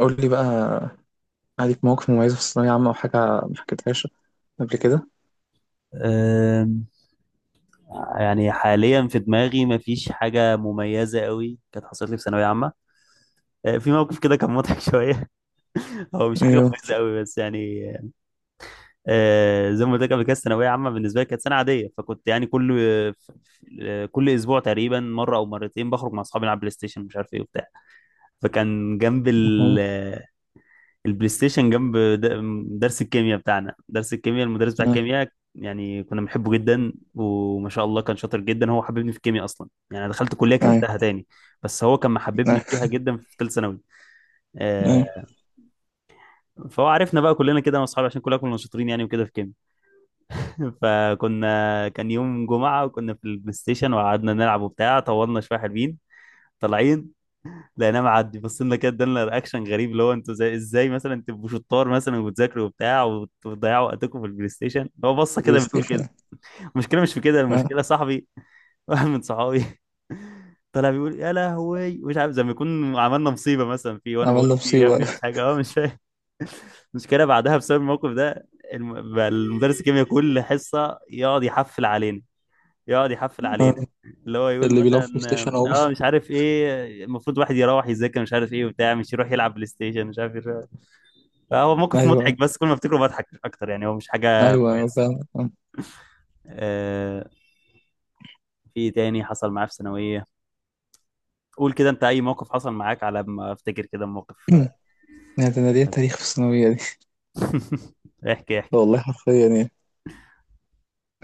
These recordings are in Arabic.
قول لي بقى عليك مواقف مميزة في الثانوية عامة أو حاجة ما حكيتهاش قبل كده. أم، يعني حاليا في دماغي مفيش حاجة مميزة قوي كانت حصلت لي في ثانوية عامة. في موقف كده كان مضحك شوية، هو مش حاجة ايوه. مميزة قوي بس يعني. زي ما قلت لك قبل كده الثانوية عامة بالنسبة لي كانت سنة عادية، فكنت يعني كل أسبوع تقريبا مرة أو مرتين بخرج مع أصحابي نلعب بلاي ستيشن مش عارف إيه وبتاع. فكان جنب أها. البلاي ستيشن جنب درس الكيمياء بتاعنا، درس الكيمياء، المدرس بتاع اه. الكيمياء يعني كنا بنحبه جدا وما شاء الله كان شاطر جدا، هو حببني في الكيمياء اصلا، يعني أنا دخلت كليه اي. كرهتها تاني بس هو كان محببني اي. فيها جدا في ثالث ثانوي. اي. آه، فهو عرفنا بقى كلنا كده انا واصحابي عشان كلنا كنا شاطرين يعني وكده في الكيمياء. كان يوم جمعه وكنا في البلاي ستيشن وقعدنا نلعب وبتاع، طولنا شويه حلوين طالعين لقيناه معدي، بصينا كده ادالنا رياكشن غريب اللي هو انتوا زي ازاي مثلا تبقوا شطار مثلا وبتذاكروا وبتاع وتضيعوا وقتكم في البلاي ستيشن، هو بصه بلاي كده بتقول كده. ستيشن. المشكله مش في كده، اه. المشكله صاحبي واحد من صحابي طلع بيقول يا لهوي مش عارف زي ما يكون عملنا مصيبه مثلا، فيه وانا بقول عملنا له في إيه يا ابني مش مصيبة. حاجه اه مش فاهم. المشكله بعدها بسبب الموقف ده بقى المدرس الكيمياء كل حصه يقعد يحفل علينا، يقعد يحفل علينا، آه. اللي هو يقول اللي بيلعب مثلا بلاي ستيشن أو اه مش عارف ايه المفروض واحد يروح يذاكر مش عارف ايه وبتاع مش يروح يلعب بلاي ستيشن مش عارف ايه. فهو موقف أيوه، مضحك بس كل ما افتكره بضحك مش اكتر، يعني هو مش حاجه أيوه كويسه. فاهم. آه. آه في إيه تاني حصل معاه في ثانويه؟ قول كده انت اي موقف حصل معاك، على ما افتكر كده موقف. يعني ده أنا ليا مزح. تاريخ في الثانوية دي. احكي احكي. والله حرفيا يعني،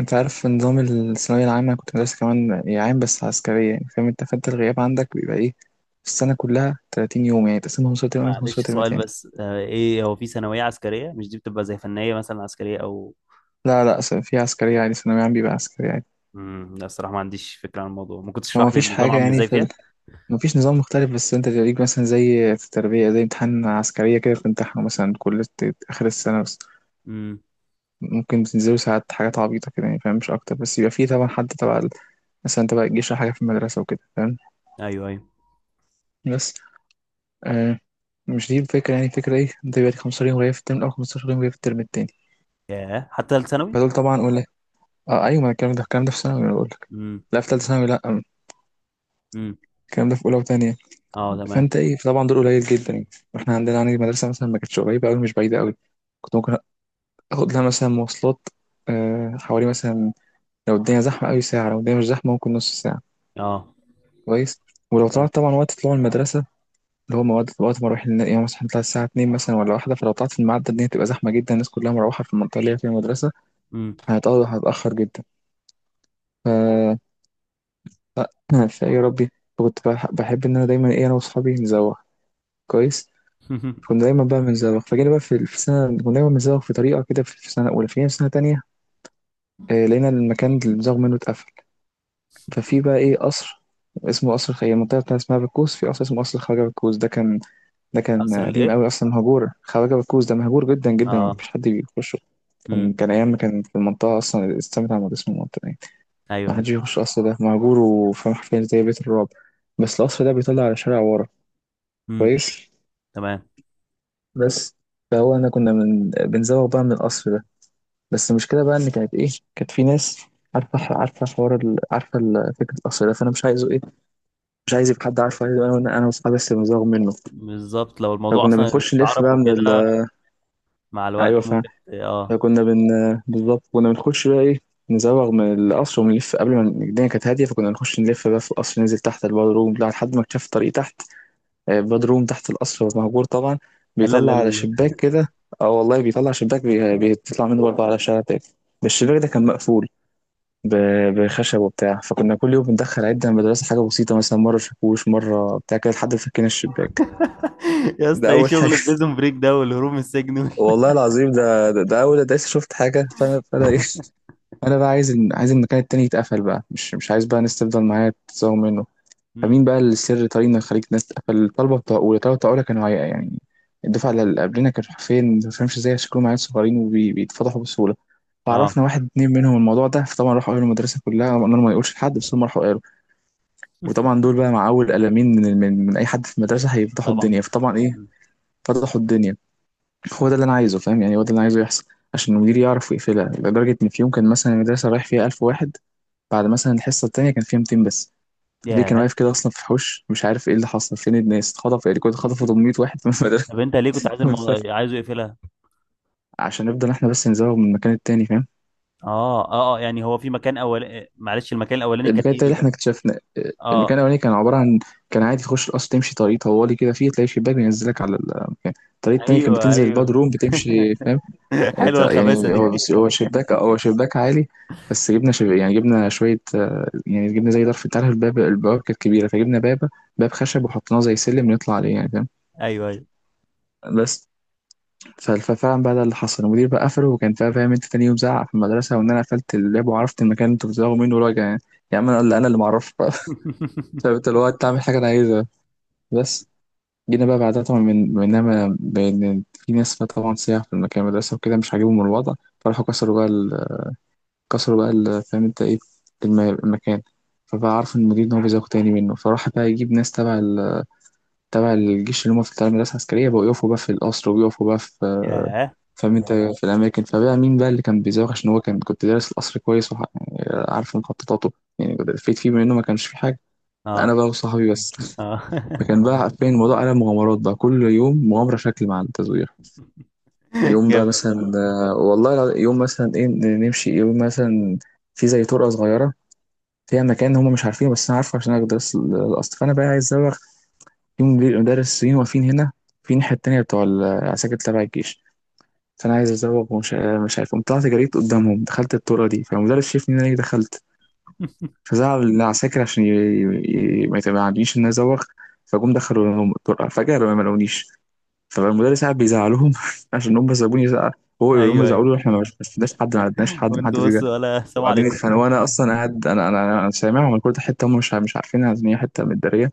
أنت عارف نظام الثانوية العامة، أنا كنت مدرسة كمان يعني عام بس عسكرية، يعني فاهم أنت؟ فأنت الغياب عندك بيبقى إيه؟ في السنة كلها 30 يوم يعني، تقسمهم نص ترم أو نص معلش ترم سؤال تاني. بس، ايه هو في ثانويه عسكريه؟ مش دي بتبقى زي فنيه مثلا عسكريه او... لا لا، في عسكرية عادي، ثانوية عام بيبقى عسكرية عادي. لا الصراحه ما عنديش فكره عن الموضوع، ممكن هو تشرح لي مفيش النظام حاجة عامل يعني ازاي في ال... فيها؟ مفيش نظام مختلف، بس انت تدريج مثلا زي في التربية، زي امتحان عسكرية كده بتمتحنه مثلا كل آخر السنة بس. امم ممكن بتنزلوا ساعات حاجات عبيطة كده يعني فاهم، مش أكتر، بس يبقى فيه طبعا حد تبع مثلا تبع الجيش أو حاجة في المدرسة وكده فاهم. ايوه ايوه. بس آه، مش دي الفكرة. يعني الفكرة ايه، انت بيبقى لك 15 يوم غياب في الترم الأول، 15 يوم غياب في الترم التاني. ياه حتى ثالث ثانوي؟ فدول طبعا أقول لك، اه أيوة ما الكلام ده، الكلام ده في ثانوي أنا بقول لك. امم. لا في تالتة ثانوي لا، امم. الكلام ده في أولى وتانية. اه تمام. فانت ايه طبعا دول قليل جدا يعني. احنا عندنا يعني المدرسه مثلا ما كانتش قريبه قوي مش بعيده قوي. كنت ممكن اخد لها مثلا مواصلات آه، حوالي مثلا، لو الدنيا زحمه قوي ساعه، لو الدنيا مش زحمه ممكن نص ساعه. اه كويس. ولو تمام. طلعت طبعا وقت طلوع المدرسه اللي هو مواد وقت ما اروح يعني مثلا هنطلع الساعه 2 مثلا ولا واحده، فلو طلعت في الميعاد ده الدنيا تبقى زحمه جدا، الناس كلها مروحه في المنطقه اللي هي فيها المدرسه. امم. فهتقعد هتاخر جدا. ف فيا ربي، كنت بحب ان انا دايما ايه، انا واصحابي نزوغ. كويس. كنت دايما بقى بنزوغ، فجينا بقى في سنة كنا دايما بنزوغ في طريقة كده في سنة أولى، فجينا في سنة تانية آه، لقينا المكان اللي بنزوغ منه اتقفل. ففي بقى إيه قصر، اسمه قصر هي المنطقة بتاعتها اسمها بكوس، في قصر اسمه قصر خواجة بكوس. ده كان ده كان قصر قديم الايه؟ قوي أصلا مهجور، خواجة بكوس ده مهجور جدا جدا، اه. مفيش حد بيخشه. كان امم. كان أيام ما كان في المنطقة أصلا السمت عمود اسم المنطقة يعني. ايوه ما ايوه. حدش بيخش القصر ده، مهجور وفاهم حرفيا زي بيت الرعب. بس القصر ده بيطلع على شارع ورا. امم. كويس. تمام. بس فهو أنا كنا من بنزوغ بقى من القصر ده. بس المشكله بقى ان كانت ايه، كانت في ناس عارفه، عارفه حوار عارفه فكره القصر ده، فانا مش عايزه ايه، مش عايز يبقى حد عارفه، عايز انا، انا واصحابي بس بنزاغ منه. بالظبط لو الموضوع فكنا اصلا بنخش نلف اتعرف بقى من ال... وكده مع الوقت ايوه فاهم. ممكن اه. فكنا بن بالظبط كنا بنخش بقى ايه، نزوغ من القصر ونلف قبل ما الدنيا كانت هاديه، فكنا نخش نلف بقى في القصر ننزل تحت الباد روم لا، لحد ما اكتشفت طريق تحت آه، الباد روم تحت القصر مهجور طبعا، لا بيطلع لا لا على لا. شباك كده. اه والله بيطلع شباك بيطلع منه برضه على شارع تاني. الشباك ده كان مقفول بخشب وبتاع، فكنا كل يوم بندخل عدة من المدرسة حاجة بسيطة، مثلا مرة شاكوش مرة بتاع كده لحد ما فكينا الشباك. يا ده اسطى ايه أول حاجة. شغل بريزون بريك ده والهروب من السجن وال-. والله العظيم ده ده أول دايس شفت حاجة. فأنا إيه. أنا بقى عايز عايز المكان التاني يتقفل بقى، مش عايز بقى الناس تفضل معايا تزوغ منه. مم. فمين بقى السر طريقنا يخليك الناس تقفل، الطلبة بتوع أولى، الطلبة بتوع أولى كانوا عيقة يعني، الدفعة اللي قبلنا كانوا حرفيا ما فهمش ازاي، شكلهم عيال صغيرين وبيتفضحوا بسهولة. اه فعرفنا واحد اتنين منهم الموضوع ده، فطبعا راحوا قالوا المدرسة كلها، قلنا لهم ما يقولش لحد بس هم راحوا. وطبعا دول بقى مع اول قلمين من اي حد في المدرسه هيفتحوا طبعا. الدنيا، فطبعا ايه مم. فتحوا الدنيا. هو ده اللي انا عايزه فاهم، يعني هو ده اللي انا عايزه يحصل، عشان المدير يعرف يقفلها. لدرجه ان في يوم كان مثلا المدرسه رايح فيها 1000 واحد، بعد مثلا الحصه التانيه كان فيها 200 بس. المدير كان ياه. واقف كده اصلا في الحوش، مش عارف ايه اللي حصل، فين الناس اتخطف يعني، كنت خطفوا 800 واحد من المدرسه. طب انت ليه كنت عايز مش فاهم. الموضوع عايزه يقفلها؟ عشان نفضل احنا بس نزوغ من المكان التاني فاهم. اه اه اه، يعني هو في مكان اول، معلش المكان الاولاني كان المكان ايه التاني اللي بالظبط؟ احنا اكتشفنا آه، المكان اه الاولاني كان عباره عن، كان عادي تخش القصر تمشي طريق طوالي كده فيه تلاقي شباك بينزلك على المكان، الطريق التاني كان ايوه بتنزل الباد ايوه. روم بتمشي فاهم. آه، حلوه الخباثه يعني هو دي. بس هو شباك، هو شباك عالي، بس جبنا شب... يعني جبنا شويه آه، يعني جبنا زي ظرف، انت عارف الباب البوابه كانت كبيره، فجبنا باب، باب خشب وحطيناه زي سلم نطلع عليه يعني فاهم. ايوه ايوه. بس ففعلا بقى ده اللي حصل، المدير بقى قفله وكان فاهم انت، تاني يوم زعق في المدرسه وان انا قفلت الباب وعرفت المكان اللي انتوا بتزعقوا منه وراجع يعني. يا عم انا اللي، انا اللي معرفش. فانت اللي هو انت عامل حاجه انا عايزها. بس جينا بقى بعدها طبعا، من منما بان في ناس بقى طبعا سياح في المكان المدرسه وكده مش عاجبهم الوضع، فراحوا كسروا بقى ال... كسروا بقى ال... فاهم انت ايه، المكان. فبقى عارف المدير ان هو بيزوق تاني منه، فراح بقى يجيب ناس تبع ال... تبع الجيش اللي هم في تبع المدرسه العسكريه بقوا يقفوا بقى في القصر وبيقفوا بقى في ياه. فاهم انت في الاماكن. فبقى مين بقى اللي كان بيزوق، عشان هو كان كنت دارس القصر كويس وعارف مخططاته يعني، فيت فيه منه ما كانش فيه حاجه. انا اه بقى وصحابي بس. اه. فكان بقى حرفيا الموضوع قلب مغامرات بقى، كل يوم مغامرة شكل مع التزوير. يوم بقى جامد والله. مثلا آه، والله يوم مثلا ايه نمشي يوم مثلا في زي طرقة صغيرة، فيها مكان هم مش عارفينه بس انا عارفه عشان انا بدرس الاصل، فانا بقى عايز ازوغ. يوم ليه المدرسين واقفين هنا في الناحية التانية بتوع العساكر تبع الجيش، فانا عايز ازوغ ومش مش عارف، قمت طلعت جريت قدامهم دخلت الطرقة دي، فالمدرس شافني ان انا إيه، دخلت. فزعل العساكر عشان ما يتبعنيش ان انا ازوغ. فجم دخلوا لهم الطرقة فجأة ما لقونيش، فالمدرس قاعد بيزعلهم عشان هم سابوني زعل. هو يقول لهم ايوه يزعلوا ايوه. له، احنا ما شفناش حد، ما عرفناش حد، ما حدش وانتوا جه. بصوا ولا السلام وقاعدين عليكم؟ يتخانقوا وانا اصلا قاعد، انا سامعهم، الكل ده حته هم مش عارفينها ان هي حته متداريه.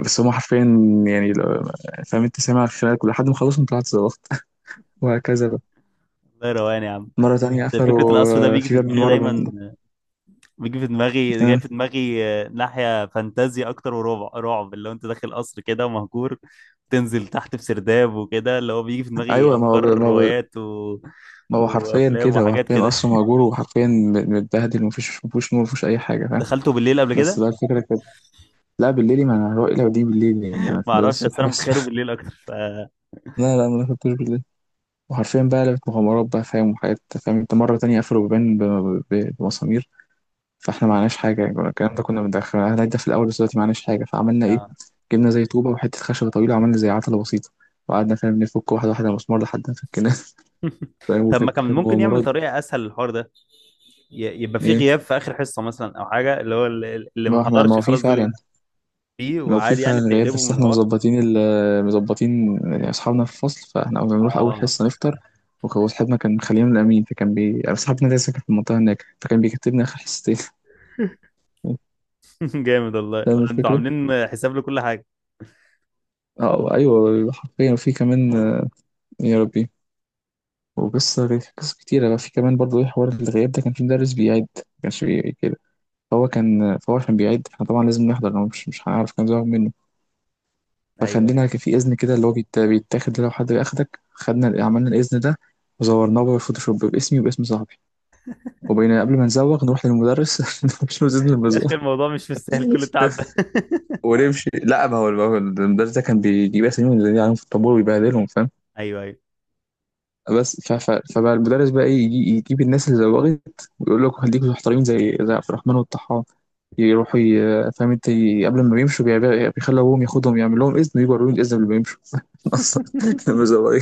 بس هم حرفيا يعني لو، فاهم انت سامع الخناقه كل لحد ما خلصنا طلعت زلطت. وهكذا بقى. الله، روقان يا عم. مره تانية ده فكره قفلوا القصر ده آه، بيجي في في باب من دماغي ورا دايما، من بيجي في دماغي، جاي آه، في دماغي، ناحيه فانتازيا اكتر ورعب، رعب اللي هو انت داخل قصر كده ومهجور، تنزل تحت في سرداب وكده، اللي هو بيجي في دماغي ايوه ما هو افكار ما هو روايات و... ما هو حرفيا وافلام كده، هو وحاجات حرفيا كده. اصلا مهجور وحرفيا متبهدل، ومفيش نور، مفيش اي حاجه فاهم. دخلته بالليل قبل بس كده؟ بقى الفكره، لا بالليل، ما انا هروح لو دي بالليل يعني، انا ما في المدرسة اعرفش بس الصبح انا بس. متخيله بالليل اكتر ف لا لا، ما ركبتوش بالليل. وحرفيا بقى لعبت مغامرات بقى فاهم وحاجات، فاهم انت مرة تانية قفلوا بيبان بمسامير. فاحنا معناش حاجة يعني كنا، الكلام ده كنا بندخل احنا ده في الأول، بس دلوقتي معناش حاجة فعملنا ايه، آه. جبنا زي طوبة وحتة خشبة طويلة، عملنا زي عتلة بسيطة، وقعدنا فاهم نفك واحدة واحدة مسمار لحد ما فكناه. فاهم طب ما وكانت كان كانت ممكن يعمل مغامرات. طريقه اسهل للحوار ده؟ يبقى في ايه، غياب في اخر حصه مثلا او حاجه، اللي هو اللي ما ما احنا، ما حضرش هو في خلاص دول فعلا، فيه، لو في وعادي يعني فعلا غياب، بتقلبه من بس احنا الحوار. مظبطين ال- آه، مظبطين يعني اصحابنا في الفصل، فاحنا كنا بنروح اول اه. حصه نفطر. وهو صاحبنا كان خلينا من الامين، فكان بي أنا صاحبنا ده ساكن في المنطقه هناك، فكان بيكتبنا اخر حصتين. جامد فاهم والله، انتوا الفكره؟ عاملين حساب لكل حاجه. اه ايوه حرفيا في كمان آه، يا ربي. وقصه قصص كتيره بقى في كمان برضه ايه، حوار الغياب ده كان في مدرس بيعيد ما كانش كده. فهو كان فهو عشان بيعيد فاحنا طبعا لازم نحضر، لو مش هنعرف كان زهق منه. ايوه ايوه. فخلينا في إذن كده اللي هو بيتاخد لو حد أخدك، خدنا عملنا الإذن ده، وزورناه بالفوتوشوب باسمي وباسم صاحبي، وبين قبل ما نزوغ نروح للمدرس، مش إذن يا المزوغ اخي الموضوع مش مستاهل كل التعب ده. ونمشي. لا ما هو، ما هو المدرس ده كان بيجيب اساميهم اللي عليهم في الطابور ويبهدلهم فاهم. ايوه ايوه. بس فبقى المدرس بقى ايه يجيب الناس اللي زوغت ويقول لكم خليكم محترمين زي، زي عبد الرحمن والطحان. يروحوا ي... فاهم انت قبل ما بيمشوا بيخلوا ابوهم ياخدهم يعمل لهم اذن ويجوا يوريهم الاذن قبل ما يمشوا. اصلا المزوغين.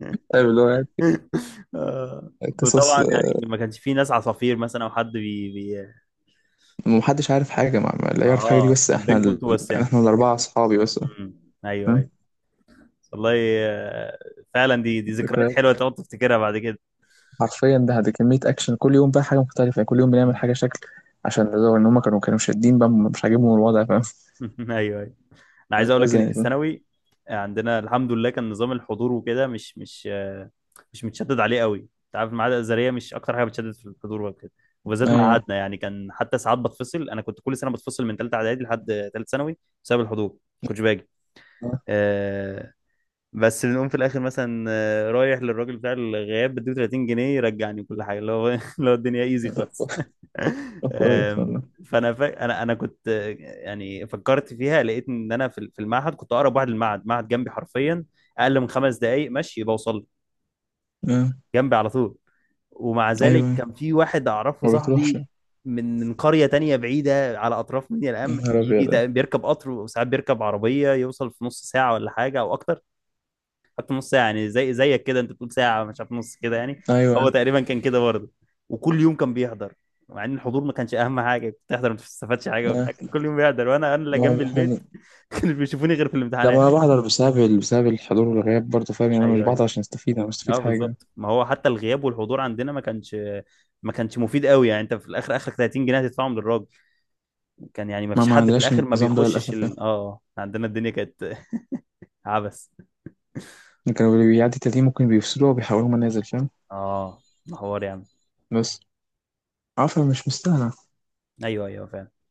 ايوه اللي هو آه. قصص. وطبعا يعني ما كانش في ناس عصافير مثلا او حد محدش عارف حاجة مع لا يعرف حاجة دي اه بس كان احنا بينكم ال... انتوا بس يعني. احنا الأربعة أصحابي بس. مم. فاهم؟ ايوه. والله. آه، فعلا دي ذكريات ذكريات، حلوه تقعد تفتكرها بعد كده. حرفيا ده ده كمية أكشن، كل يوم بقى حاجة مختلفة يعني، كل يوم بنعمل مم. حاجة شكل عشان نزور، إن هما كانوا كانوا شادين بقى مش عاجبهم الوضع فاهم. ايوه ايوه. انا عايز اقول لك ان وهكذا في يعني. الثانوي عندنا الحمد لله كان نظام الحضور وكده مش متشدد عليه قوي، انت عارف المعاهد الازهريه مش اكتر حاجه بتشدد في الحضور وكده، وبالذات أيوه. معهدنا يعني كان حتى ساعات بتفصل، انا كنت كل سنه بتفصل من ثالثه اعدادي لحد ثالث ثانوي بسبب الحضور ما كنتش باجي. آه. آه، بس بنقوم في الاخر مثلا رايح للراجل بتاع الغياب بديه 30 جنيه يرجعني كل حاجه اللي هو اللي هو الدنيا ايزي طب كويس. خالص. طب كويس آم، والله. فانا انا كنت يعني فكرت فيها لقيت ان انا في المعهد كنت اقرب واحد للمعهد، معهد جنبي حرفيا، اقل من 5 دقائق مشي بوصل له، آه. جنبي على طول. ومع ذلك أيوه. كان في واحد اعرفه ما بتروحش صاحبي يا من قريه تانية بعيده على اطراف منيا القمح نهار بيجي أبيض. بيركب قطر وساعات بيركب عربيه يوصل في نص ساعه ولا حاجه او اكتر. حط نص ساعه يعني زي زيك كده انت بتقول ساعه مش عارف نص كده يعني، هو أيوه. تقريبا كان كده برضه. وكل يوم كان بيحضر، مع ان الحضور ما كانش اهم حاجه، كنت بتحضر ما بتستفادش حاجه آه. وبتاع، كان كل يوم بيحضر وانا انا اللي جنب ما إحنا البيت كانوا بيشوفوني غير في لا ما الامتحانات. أنا بحضر بسبب بسبب الحضور والغياب برضه فاهم يعني، أنا مش ايوه ايوه. بحضر عشان أستفيد، أنا مش اه مستفيد حاجة. بالظبط، ما هو حتى الغياب والحضور عندنا ما كانش، ما كانش مفيد قوي، يعني انت في الاخر اخرك 30 جنيه هتدفعهم للراجل. كان يعني ما ما فيش ما حد في عندناش الاخر ما النظام ده بيخشش للأسف يعني. ال... اه عندنا الدنيا كانت عبث. كانوا اللي بيعدي تلاتين ممكن بيفصلوها وبيحولوها منازل فاهم. اه حوار يعني. بس عفا مش مستاهلة ايوه ايوه فعلا.